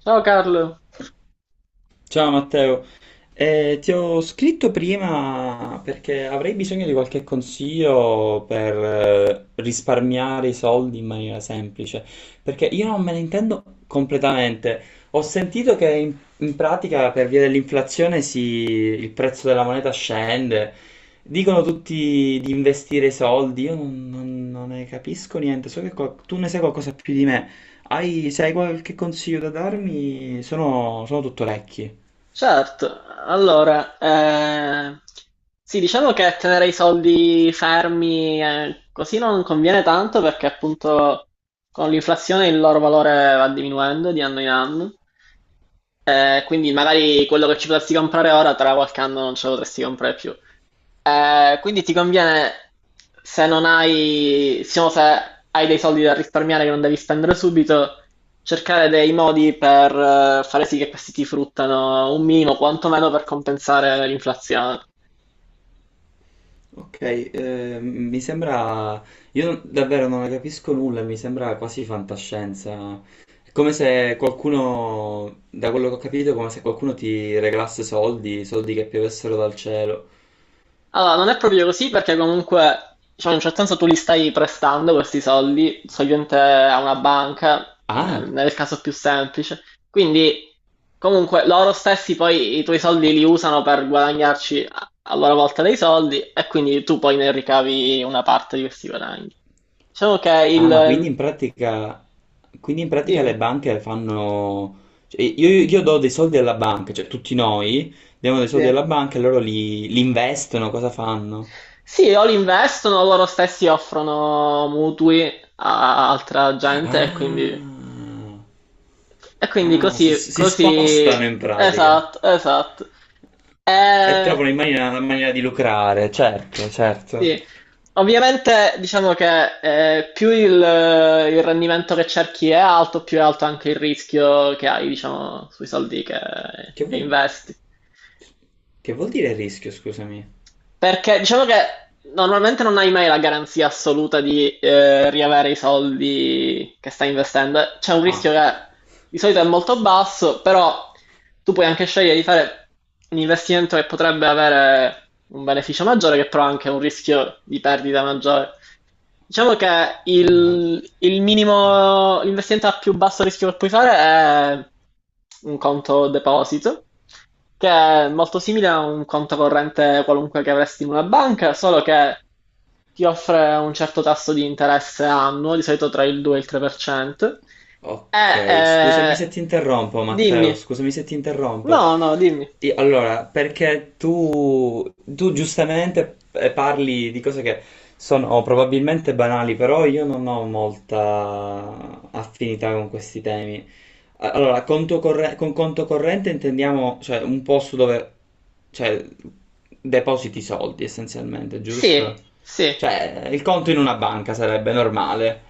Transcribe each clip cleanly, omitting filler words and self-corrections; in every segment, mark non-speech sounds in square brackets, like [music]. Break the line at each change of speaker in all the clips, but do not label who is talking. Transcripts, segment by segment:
Ciao Carlo,
Ciao Matteo, ti ho scritto prima perché avrei bisogno di qualche consiglio per risparmiare i soldi in maniera semplice, perché io non me ne intendo completamente. Ho sentito che in pratica per via dell'inflazione si- il prezzo della moneta scende, dicono tutti di investire i soldi, io non ne capisco niente, so che qual- tu ne sai qualcosa più di me. Se hai qualche consiglio da darmi, sono tutto orecchi.
certo, allora, sì, diciamo che tenere i soldi fermi così non conviene tanto perché appunto con l'inflazione il loro valore va diminuendo di anno in anno, quindi magari quello che ci potresti comprare ora tra qualche anno non ce lo potresti comprare più. Quindi ti conviene, se non hai, diciamo, se hai dei soldi da risparmiare che non devi spendere subito, cercare dei modi per fare sì che questi ti fruttano un minimo, quantomeno per compensare l'inflazione.
Ok, mi sembra, io non- davvero non ne capisco nulla, mi sembra quasi fantascienza. È come se qualcuno, da quello che ho capito, è come se qualcuno ti regalasse soldi, soldi che piovessero dal cielo.
Allora, non è proprio così perché comunque, diciamo, in un certo senso tu li stai prestando questi soldi, solitamente a una banca, nel,
Ah,
nel caso più semplice. Quindi, comunque, loro stessi poi i tuoi soldi li usano per guadagnarci a loro volta dei soldi e quindi tu poi ne ricavi una parte di questi guadagni. Diciamo che
ah, ma
il...
quindi in pratica le
Dimmi,
banche fanno, cioè, io do dei soldi alla banca, cioè tutti noi diamo dei soldi
sì.
alla banca e loro li investono, cosa fanno?
Sì, o li investono, o loro stessi offrono mutui a altra gente e quindi...
Ah.
E quindi
Ah, si,
così,
si
così,
spostano in pratica
esatto, esatto.
e
Eh,
trovano in maniera, una maniera di lucrare, certo, certo.
sì, ovviamente diciamo che più il rendimento che cerchi è alto, più è alto anche il rischio che hai, diciamo, sui soldi che,
Che
che
vuol,
investi.
che vuol dire rischio, scusami?
Perché diciamo che normalmente non hai mai la garanzia assoluta di riavere i soldi che stai investendo. C'è un rischio
Ah,
che di solito è molto basso, però tu puoi anche scegliere di fare un investimento che potrebbe avere un beneficio maggiore, che però ha anche un rischio di perdita maggiore. Diciamo che
ah,
il
ok.
minimo, l'investimento a più basso rischio che puoi fare è un conto deposito, che è molto simile a un conto corrente qualunque che avresti in una banca, solo che ti offre un certo tasso di interesse annuo, di solito tra il 2 e il 3%. E,
Ok, scusami
eh,
se ti interrompo, Matteo,
dimmi,
scusami se ti interrompo.
no, no, dimmi.
Io- Allora, perché tu giustamente parli di cose che sono oh, probabilmente banali, però io non ho molta affinità con questi temi. A- Allora, conto corre- con conto corrente intendiamo, cioè, un posto dove, cioè, depositi soldi essenzialmente,
Sì,
giusto?
sì,
Cioè, il conto in una banca sarebbe normale.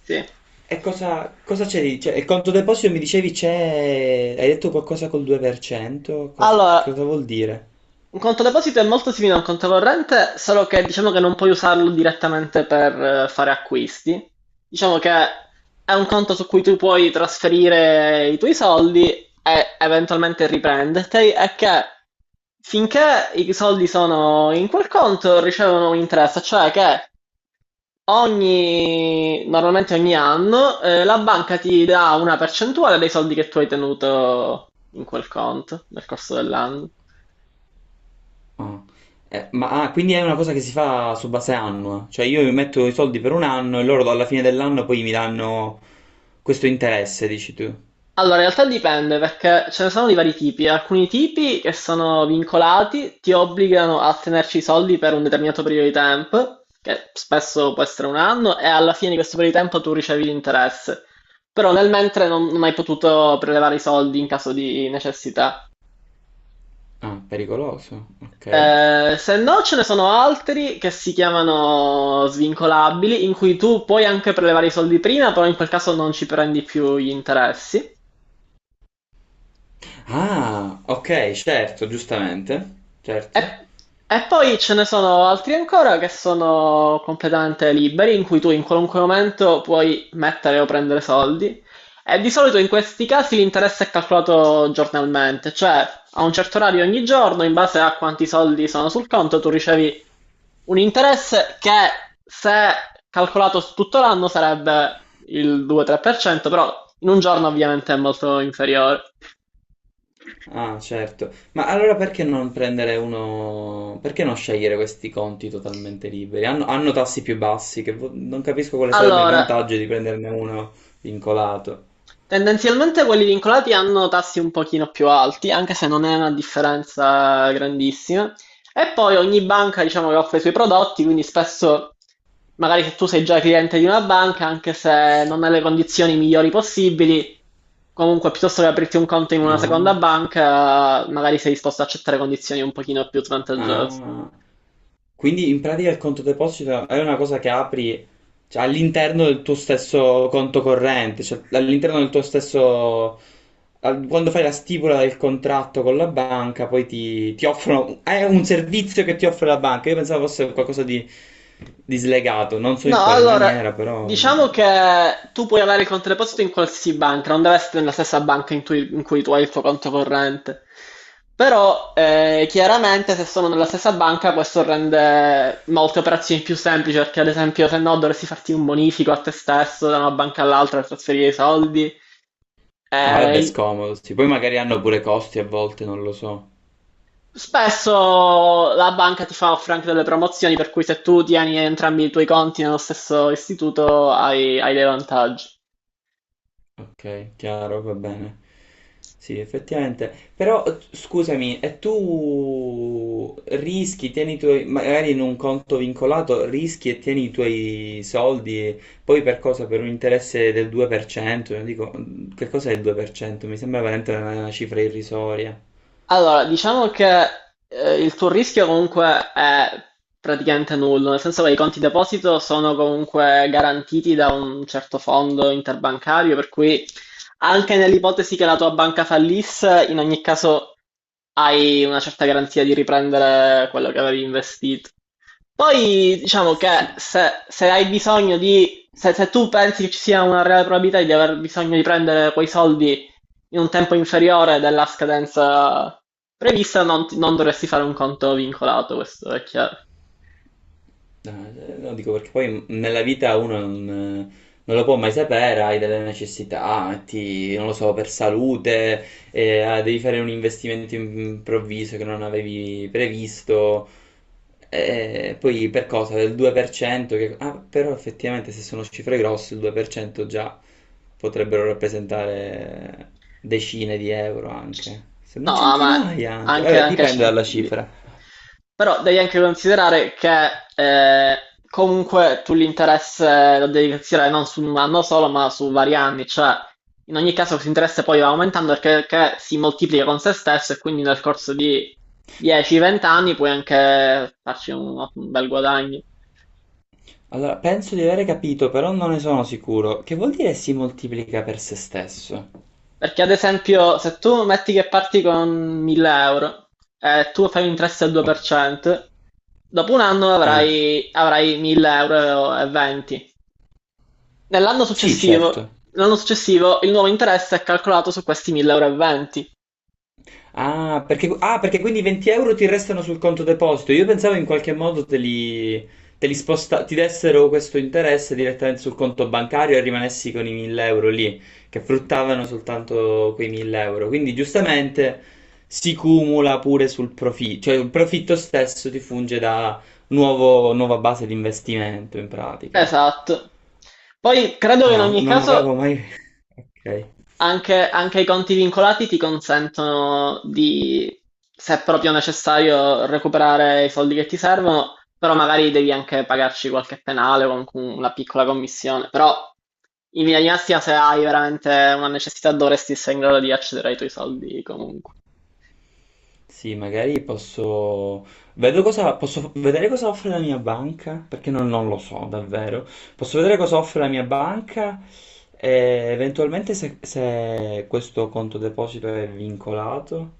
sì.
E cosa c'è di. Cioè, il conto deposito mi dicevi c'è. Hai detto qualcosa col 2%? Cosa,
Allora,
cosa vuol dire?
un conto deposito è molto simile a un conto corrente, solo che diciamo che non puoi usarlo direttamente per fare acquisti. Diciamo che è un conto su cui tu puoi trasferire i tuoi soldi e eventualmente riprenderti, e che finché i soldi sono in quel conto ricevono un interesse, cioè che ogni, normalmente ogni anno la banca ti dà una percentuale dei soldi che tu hai tenuto in quel conto nel corso dell'anno.
Ah. Ma quindi è una cosa che si fa su base annua. Cioè, io metto i soldi per un anno e loro alla fine dell'anno poi mi danno questo interesse, dici tu.
Allora, in realtà dipende perché ce ne sono di vari tipi. Alcuni tipi che sono vincolati ti obbligano a tenerci i soldi per un determinato periodo di tempo, che spesso può essere un anno, e alla fine di questo periodo di tempo tu ricevi l'interesse. Però nel mentre non hai potuto prelevare i soldi in caso di necessità.
Ah, pericoloso, ok.
Se no, ce ne sono altri che si chiamano svincolabili, in cui tu puoi anche prelevare i soldi prima, però in quel caso non ci prendi più gli interessi.
Ah, ok, certo, giustamente,
E,
certo.
e poi ce ne sono altri ancora che sono completamente liberi, in cui tu in qualunque momento puoi mettere o prendere soldi. E di solito in questi casi l'interesse è calcolato giornalmente, cioè a un certo orario ogni giorno, in base a quanti soldi sono sul conto, tu ricevi un interesse che se calcolato su tutto l'anno sarebbe il 2-3%, però in un giorno ovviamente è molto inferiore.
Ah, certo. Ma allora perché non prendere uno. Perché non scegliere questi conti totalmente liberi? Hanno tassi più bassi, che vo- non capisco quale sarebbe il
Allora,
vantaggio di prenderne uno vincolato.
tendenzialmente quelli vincolati hanno tassi un pochino più alti, anche se non è una differenza grandissima. E poi ogni banca, diciamo, che offre i suoi prodotti, quindi spesso, magari se tu sei già cliente di una banca, anche se non hai le condizioni migliori possibili, comunque piuttosto che aprirti un conto in una
Ah,
seconda banca, magari sei disposto ad accettare condizioni un pochino più svantaggiose.
ah. Quindi in pratica il conto deposito è una cosa che apri, cioè, all'interno del tuo stesso conto corrente, cioè all'interno del tuo stesso. Al- Quando fai la stipula del contratto con la banca, poi ti offrono. È un servizio che ti offre la banca. Io pensavo fosse qualcosa di slegato, non so in
No,
quale
allora,
maniera, però.
diciamo che tu puoi avere il conto deposito in qualsiasi banca, non deve essere nella stessa banca in cui tu hai il tuo conto corrente. Però, chiaramente, se sono nella stessa banca, questo rende molte operazioni più semplici, perché ad esempio, se no, dovresti farti un bonifico a te stesso da una banca all'altra per trasferire i soldi.
Ah, vabbè,
Eh,
scomodo, sì. Poi magari hanno pure costi a volte, non lo so.
Spesso la banca ti fa offrire anche delle promozioni, per cui se tu tieni entrambi i tuoi conti nello stesso istituto, hai dei vantaggi.
Ok, chiaro, va bene. Sì, effettivamente. Però scusami, e tu rischi, tieni i tuoi, magari in un conto vincolato, rischi e tieni i tuoi soldi, e poi per cosa? Per un interesse del 2%? Io dico, che cos'è il 2%? Mi sembra veramente una cifra irrisoria.
Allora, diciamo che il tuo rischio comunque è praticamente nullo, nel senso che i conti deposito sono comunque garantiti da un certo fondo interbancario, per cui anche nell'ipotesi che la tua banca fallisse, in ogni caso hai una certa garanzia di riprendere quello che avevi investito. Poi diciamo che
Sì,
se hai bisogno di, se tu pensi che ci sia una reale probabilità di aver bisogno di prendere quei soldi in un tempo inferiore della scadenza prevista, non dovresti fare un conto vincolato, questo è chiaro.
no, no, dico perché poi nella vita uno eh, non lo può mai sapere, hai delle necessità, ti- non lo so, per salute, devi fare un investimento improvviso che non avevi previsto, poi per cosa? Del 2%, che, però effettivamente se sono cifre grosse il 2% già potrebbero rappresentare decine di euro
C-
anche, se
No,
non
ma
centinaia anche,
anche,
vabbè,
anche
dipende
c-
dalla
di-
cifra.
però devi anche considerare che eh, comunque tu l'interesse lo devi considerare non su un anno solo, ma su vari anni, cioè in ogni caso questo interesse poi va aumentando perché si moltiplica con se stesso e quindi nel corso di 10-20 anni puoi anche farci un bel guadagno.
Allora, penso di aver capito, però non ne sono sicuro. Che vuol dire si moltiplica per se stesso?
Perché ad esempio, se tu metti che parti con 1000 euro e tu fai un interesse al
Oh,
2%, dopo un anno
eh.
avrai 1000 euro e 20. Nell'anno
Sì,
successivo,
certo.
l'anno successivo il nuovo interesse è calcolato su questi 1000 euro e 20.
Ah perché quindi 20 euro ti restano sul conto deposito. Io pensavo in qualche modo te li sposta, ti dessero questo interesse direttamente sul conto bancario e rimanessi con i 1000 euro lì, che fruttavano soltanto quei 1000 euro. Quindi giustamente si cumula pure sul profitto, cioè il profitto stesso ti funge da nuovo- nuova base di investimento in pratica.
Esatto. Poi credo che in
Ah,
ogni
non
caso
avevo mai. [laughs] Ok.
anche i conti vincolati ti consentono di, se è proprio necessario, recuperare i soldi che ti servono, però magari devi anche pagarci qualche penale o comunque una piccola commissione. Però in linea di massima, se hai veramente una necessità, dovresti essere in grado di accedere ai tuoi soldi comunque.
Sì, magari posso. Vedo cosa. Posso vedere cosa offre la mia banca, perché non lo so davvero. Posso vedere cosa offre la mia banca e eventualmente se questo conto deposito è vincolato,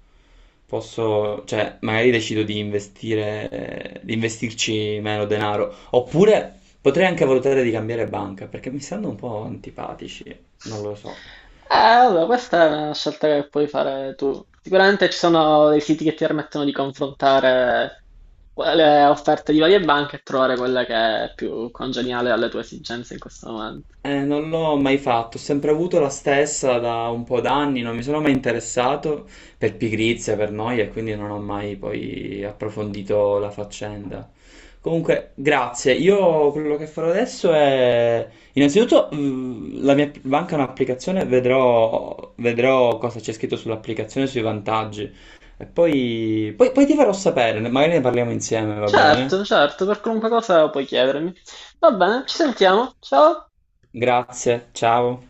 posso. Cioè, magari decido di investire, di investirci meno denaro. Oppure potrei anche valutare di cambiare banca, perché mi stanno un po' antipatici, non lo so.
Allora, questa è una scelta che puoi fare tu. Sicuramente ci sono dei siti che ti permettono di confrontare le offerte di varie banche e trovare quella che è più congeniale alle tue esigenze in questo momento.
Non l'ho mai fatto, ho sempre avuto la stessa da un po' d'anni, non mi sono mai interessato per pigrizia, per noia, e quindi non ho mai poi approfondito la faccenda. Comunque, grazie. Io quello che farò adesso è, innanzitutto, la mia banca è un'applicazione, vedrò cosa c'è scritto sull'applicazione, sui vantaggi, e poi ti farò sapere, magari ne parliamo insieme, va bene?
Certo, certo, per qualunque cosa puoi chiedermi. Va bene, ci sentiamo. Ciao.
Grazie, ciao.